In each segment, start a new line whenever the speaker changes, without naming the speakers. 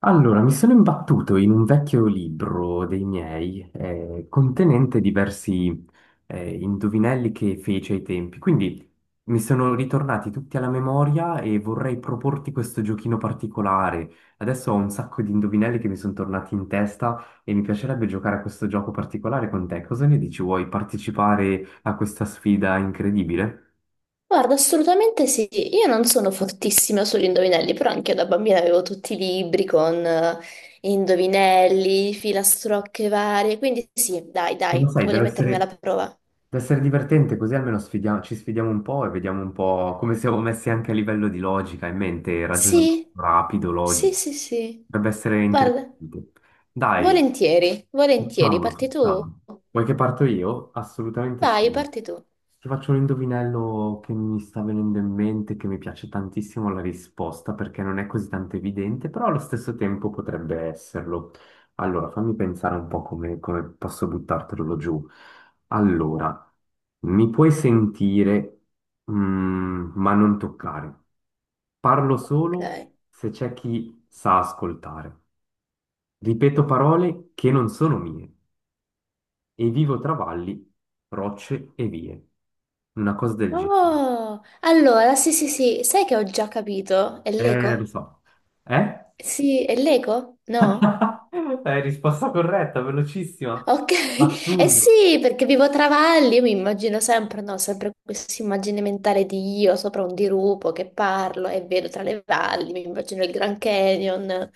Allora, mi sono imbattuto in un vecchio libro dei miei, contenente diversi, indovinelli che fece ai tempi. Quindi mi sono ritornati tutti alla memoria e vorrei proporti questo giochino particolare. Adesso ho un sacco di indovinelli che mi sono tornati in testa e mi piacerebbe giocare a questo gioco particolare con te. Cosa ne dici? Vuoi partecipare a questa sfida incredibile?
Guarda, assolutamente sì. Io non sono fortissima sugli indovinelli, però anche io da bambina avevo tutti i libri con indovinelli, filastrocche varie, quindi sì, dai,
E lo
dai,
sai,
voglio
deve
mettermi alla
essere...
prova.
Deve essere divertente, così almeno ci sfidiamo un po' e vediamo un po' come siamo messi anche a livello di logica in mente, ragionamento
Sì,
rapido,
sì,
logico.
sì, sì.
Dovrebbe essere
Guarda,
interessante. Dai,
volentieri, volentieri,
facciamolo,
parti tu.
facciamolo. Vuoi che parto io? Assolutamente
Vai,
sì.
parti tu.
Ti faccio un indovinello che mi sta venendo in mente, che mi piace tantissimo la risposta, perché non è così tanto evidente, però allo stesso tempo potrebbe esserlo. Allora, fammi pensare un po' come posso buttartelo giù. Allora, mi puoi sentire, ma non toccare. Parlo solo
Ok.
se c'è chi sa ascoltare. Ripeto parole che non sono mie e vivo tra valli, rocce e vie. Una cosa del genere.
Oh, allora, sì, sì, sì, sai che ho già capito? È
Lo
l'eco?
so. Eh?
Sì, è l'eco? No?
Risposta corretta, velocissima.
Ok, eh
Assurdo.
sì, perché vivo tra valli, io mi immagino sempre, no, sempre questa immagine mentale di io sopra un dirupo che parlo e vedo tra le valli, mi immagino il Grand Canyon.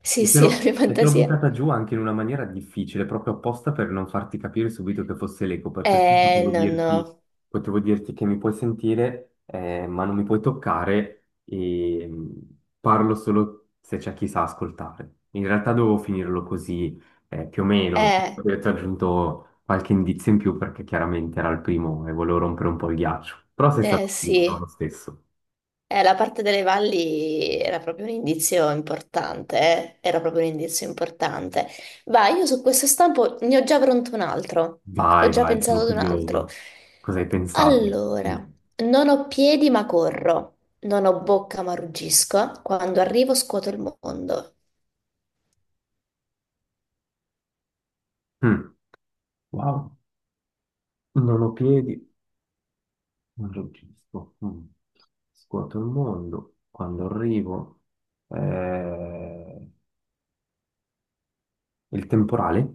Sì,
E te
sì, la
l'ho
mia
e te l'ho
fantasia.
buttata giù anche in una maniera difficile, proprio apposta per non farti capire subito che fosse l'eco, perché se no potevo
No,
dirti,
no.
potevo dirti che mi puoi sentire, ma non mi puoi toccare e parlo solo se c'è chi sa ascoltare. In realtà dovevo finirlo così, più o meno.
Eh,
Poi ti ho aggiunto qualche indizio in più perché chiaramente era il primo e volevo rompere un po' il ghiaccio. Però sei
eh
stato bravissimo lo
sì.
stesso.
La parte delle valli era proprio un indizio importante, eh? Era proprio un indizio importante. Vai, io su questo stampo ne ho già pronto un altro, ho
Vai,
già
vai, sono
pensato ad un altro.
curioso. Cosa hai pensato?
Allora,
Mm.
non ho piedi ma corro, non ho bocca ma ruggisco, quando arrivo scuoto il mondo.
Mm. Wow, non ho piedi, non registro. Mm. Scuoto il mondo. Quando arrivo, eh, il temporale,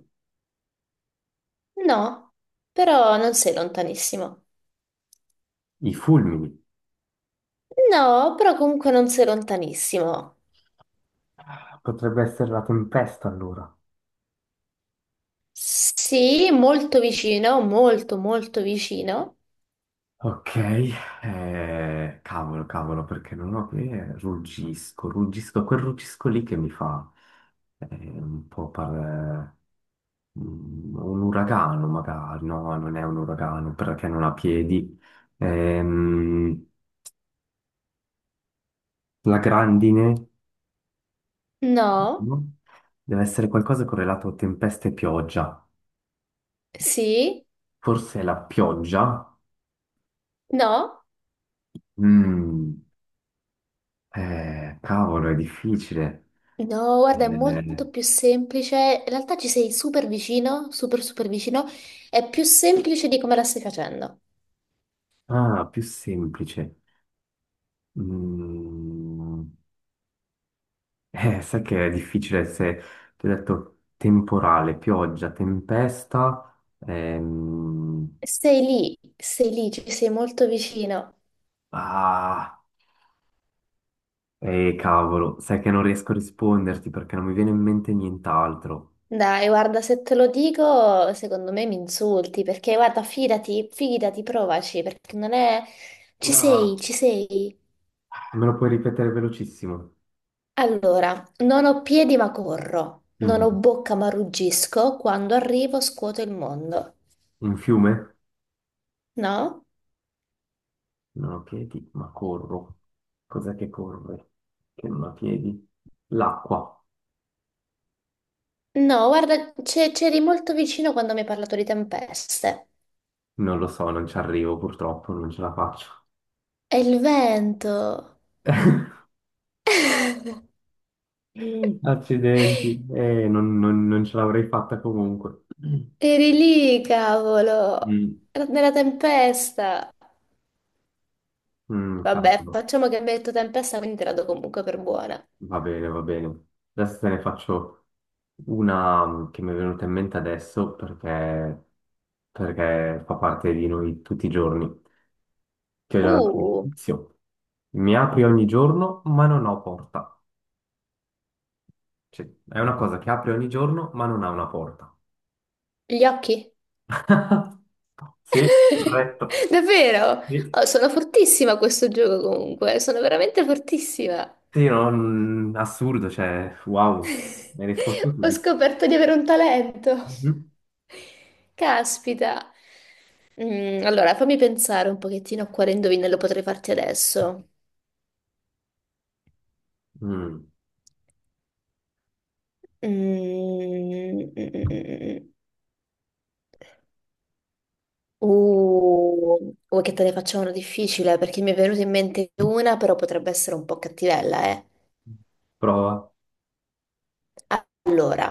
No, però non sei lontanissimo.
i fulmini.
No, però comunque non sei lontanissimo.
Potrebbe essere la tempesta allora.
Sì, molto vicino, molto molto vicino.
Ok, cavolo, cavolo, perché non ho piedi. Eh, ruggisco, ruggisco, quel ruggisco lì che mi fa eh, un po' un uragano magari. No, non è un uragano perché non ha piedi. Ehm, La grandine
No.
no? Deve essere qualcosa correlato a tempeste e pioggia.
Sì?
Forse la pioggia?
No?
Mm, cavolo, è difficile.
No, guarda, è
Eh,
molto più semplice. In realtà ci sei super vicino, super super vicino. È più semplice di come la stai facendo.
ah, più semplice. Mm, sai che è difficile se ti ho detto temporale, pioggia, tempesta. ehm,
Sei lì, ci sei molto vicino.
ah, cavolo, sai che non riesco a risponderti perché non mi viene in mente nient'altro.
Dai, guarda, se te lo dico, secondo me mi insulti, perché guarda, fidati, fidati, provaci, perché non è... Ci sei,
Ah.
ci sei.
Me lo puoi ripetere velocissimo?
Allora, non ho piedi ma corro, non ho
Mhm.
bocca ma ruggisco, quando arrivo scuoto il mondo,
Un fiume?
no?
Non ho piedi, ma corro. Cos'è che corre? Che non ha piedi? L'acqua.
No, guarda, c'eri molto vicino quando mi hai parlato di tempeste.
Non lo so, non ci arrivo purtroppo, non ce la faccio.
È il vento.
Accidenti. Non ce l'avrei fatta comunque.
Eri lì, cavolo.
Mm.
Era nella tempesta.
Mm,
Vabbè,
cavolo.
facciamo che mi hai detto tempesta, quindi te la do comunque per buona.
Va bene, va bene. Adesso te ne faccio una che mi è venuta in mente adesso perché, perché fa parte di noi tutti i giorni. Che è già dato
Uh,
l'inizio. Mi apri ogni giorno, ma non ho porta. Cioè, è una cosa che apre ogni giorno, ma non ha una porta.
gli occhi.
Sì, corretto.
Davvero?
Sì,
Oh, sono fortissima a questo gioco comunque. Sono veramente fortissima.
sì, assurdo, cioè, wow, mi hai risposto
Ho
subito.
scoperto di avere un talento.
Mhm.
Caspita. Mm, allora, fammi pensare un pochettino a quale indovinello potrei farti adesso.
Mm.
Mm, mm, mm, mm. mm, mm. Vuoi che te ne faccia una difficile? Perché mi è venuta in mente una, però potrebbe essere un po' cattivella, eh.
Prova.
Allora,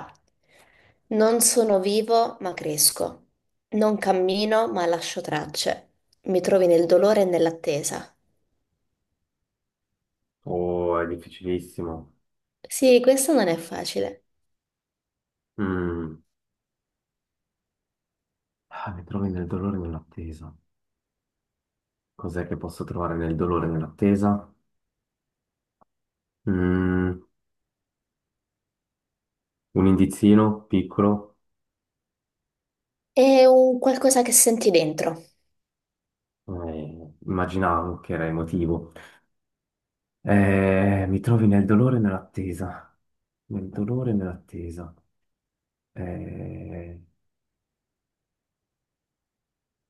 non sono vivo, ma cresco. Non cammino, ma lascio tracce. Mi trovi nel dolore e nell'attesa.
Oh, è difficilissimo.
Sì, questo non è facile.
Mm. Ah, mi trovi nel dolore e nell'attesa. Cos'è che posso trovare nel dolore e nell'attesa? Mm, un indizino piccolo.
È un qualcosa che senti dentro.
Immaginavo che era emotivo. Mi trovi nel dolore e nell'attesa, nel dolore e nell'attesa. Eh,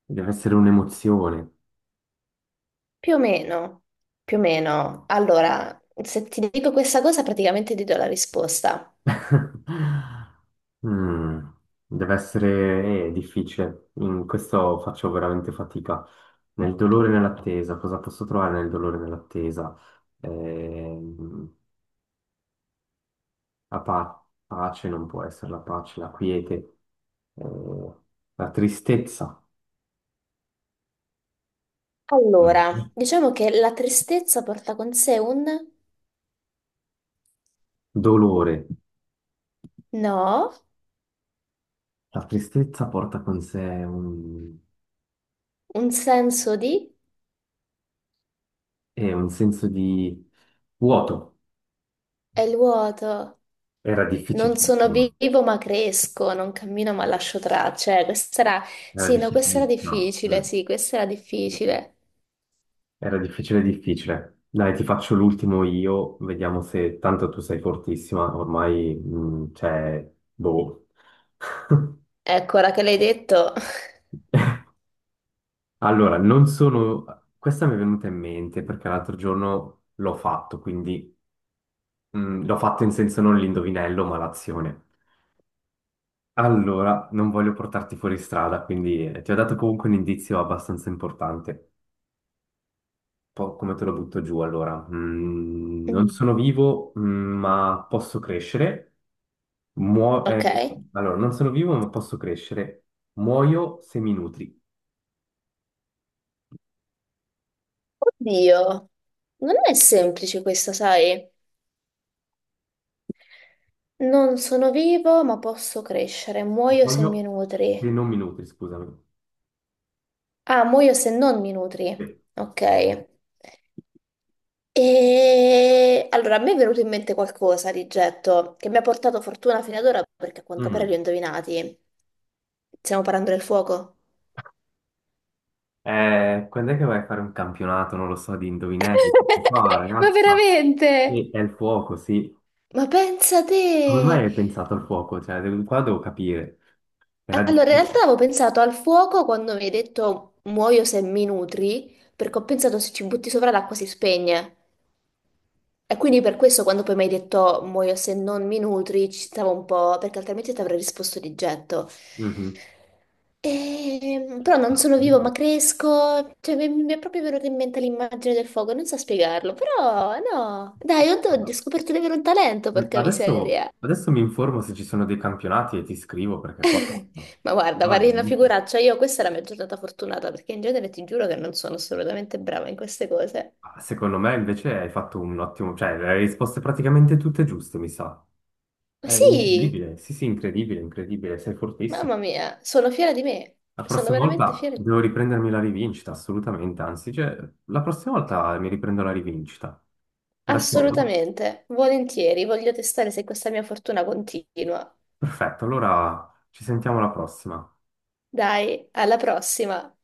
deve essere un'emozione.
Più o meno, più o meno. Allora, se ti dico questa cosa, praticamente ti do la risposta.
Mm, deve essere, difficile. In questo faccio veramente fatica. Nel dolore e nell'attesa, cosa posso trovare nel dolore e nell'attesa? Eh, pace non può essere la pace, la quiete, eh, la tristezza.
Allora, diciamo che la tristezza porta con sé un
Dolore.
no,
La tristezza porta con sé
un senso di
un senso di vuoto.
è il vuoto.
Era
Non sono
difficilissimo,
vivo ma cresco, non cammino ma lascio tracce. Questa era,
era
sì, no, questa era
difficilissimo.
difficile,
Mm.
sì, questa era difficile.
Era difficile, difficile. Dai, ti faccio l'ultimo io, vediamo se tanto tu sei fortissima, ormai cioè, boh.
Ecco, ora che l'hai detto.
Allora, non sono... Questa mi è venuta in mente perché l'altro giorno l'ho fatto, quindi l'ho fatto in senso non l'indovinello, ma l'azione. Allora, non voglio portarti fuori strada, quindi ti ho dato comunque un indizio abbastanza importante. Po' come te lo butto giù allora? Mm, non
Mm,
sono vivo, ma posso crescere. Muo- eh,
ok.
allora, non sono vivo, ma posso crescere. Muoio se mi nutri.
Oddio, non è semplice questa, sai? Non sono vivo, ma posso crescere. Muoio se
Muoio
mi
se
nutri.
non mi nutri, scusami.
Ah, muoio se non mi nutri.
Sì.
Ok. E allora a me è venuto in mente qualcosa di getto che mi ha portato fortuna fino ad ora perché a quanto pare li ho
Mm.
indovinati. Stiamo parlando del fuoco.
Quando è che vai a fare un campionato? Non lo so, di indovinelli. Ah,
Ma
ragazza,
veramente?
sì, è il fuoco, sì.
Ma pensa te!
Come mai hai pensato al fuoco? Cioè, qua devo capire. Era
Allora, in realtà
difficile.
avevo pensato al fuoco quando mi hai detto muoio se mi nutri, perché ho pensato se ci butti sopra l'acqua si spegne. E quindi per questo quando poi mi hai detto muoio se non mi nutri, ci stavo un po', perché altrimenti ti avrei risposto di getto.
Mhm.
Però non sono vivo ma
Assurdo.
cresco, cioè mi è proprio venuta in mente l'immagine del fuoco, non so spiegarlo, però no, dai, oddio, ho scoperto di avere un talento, porca
Adesso,
miseria.
adesso mi informo se ci sono dei campionati e ti scrivo perché qua,
Ma guarda,
qua è
farei una
venuti.
figuraccia, io questa è la mia giornata fortunata, perché in genere ti giuro che non sono assolutamente brava in queste cose.
Ah, secondo me invece hai fatto un ottimo, cioè le hai risposte praticamente tutte giuste, mi sa.
Ma
È
sì,
incredibile, sì sì, incredibile, incredibile, sei fortissimo.
mamma mia, sono fiera di me,
La
sono
prossima
veramente
volta
fiera.
devo riprendermi la rivincita, assolutamente, anzi, cioè, la prossima volta mi riprendo la rivincita. D'accordo?
Assolutamente, volentieri, voglio testare se questa mia fortuna continua.
Perfetto, allora ci sentiamo alla prossima.
Dai, alla prossima!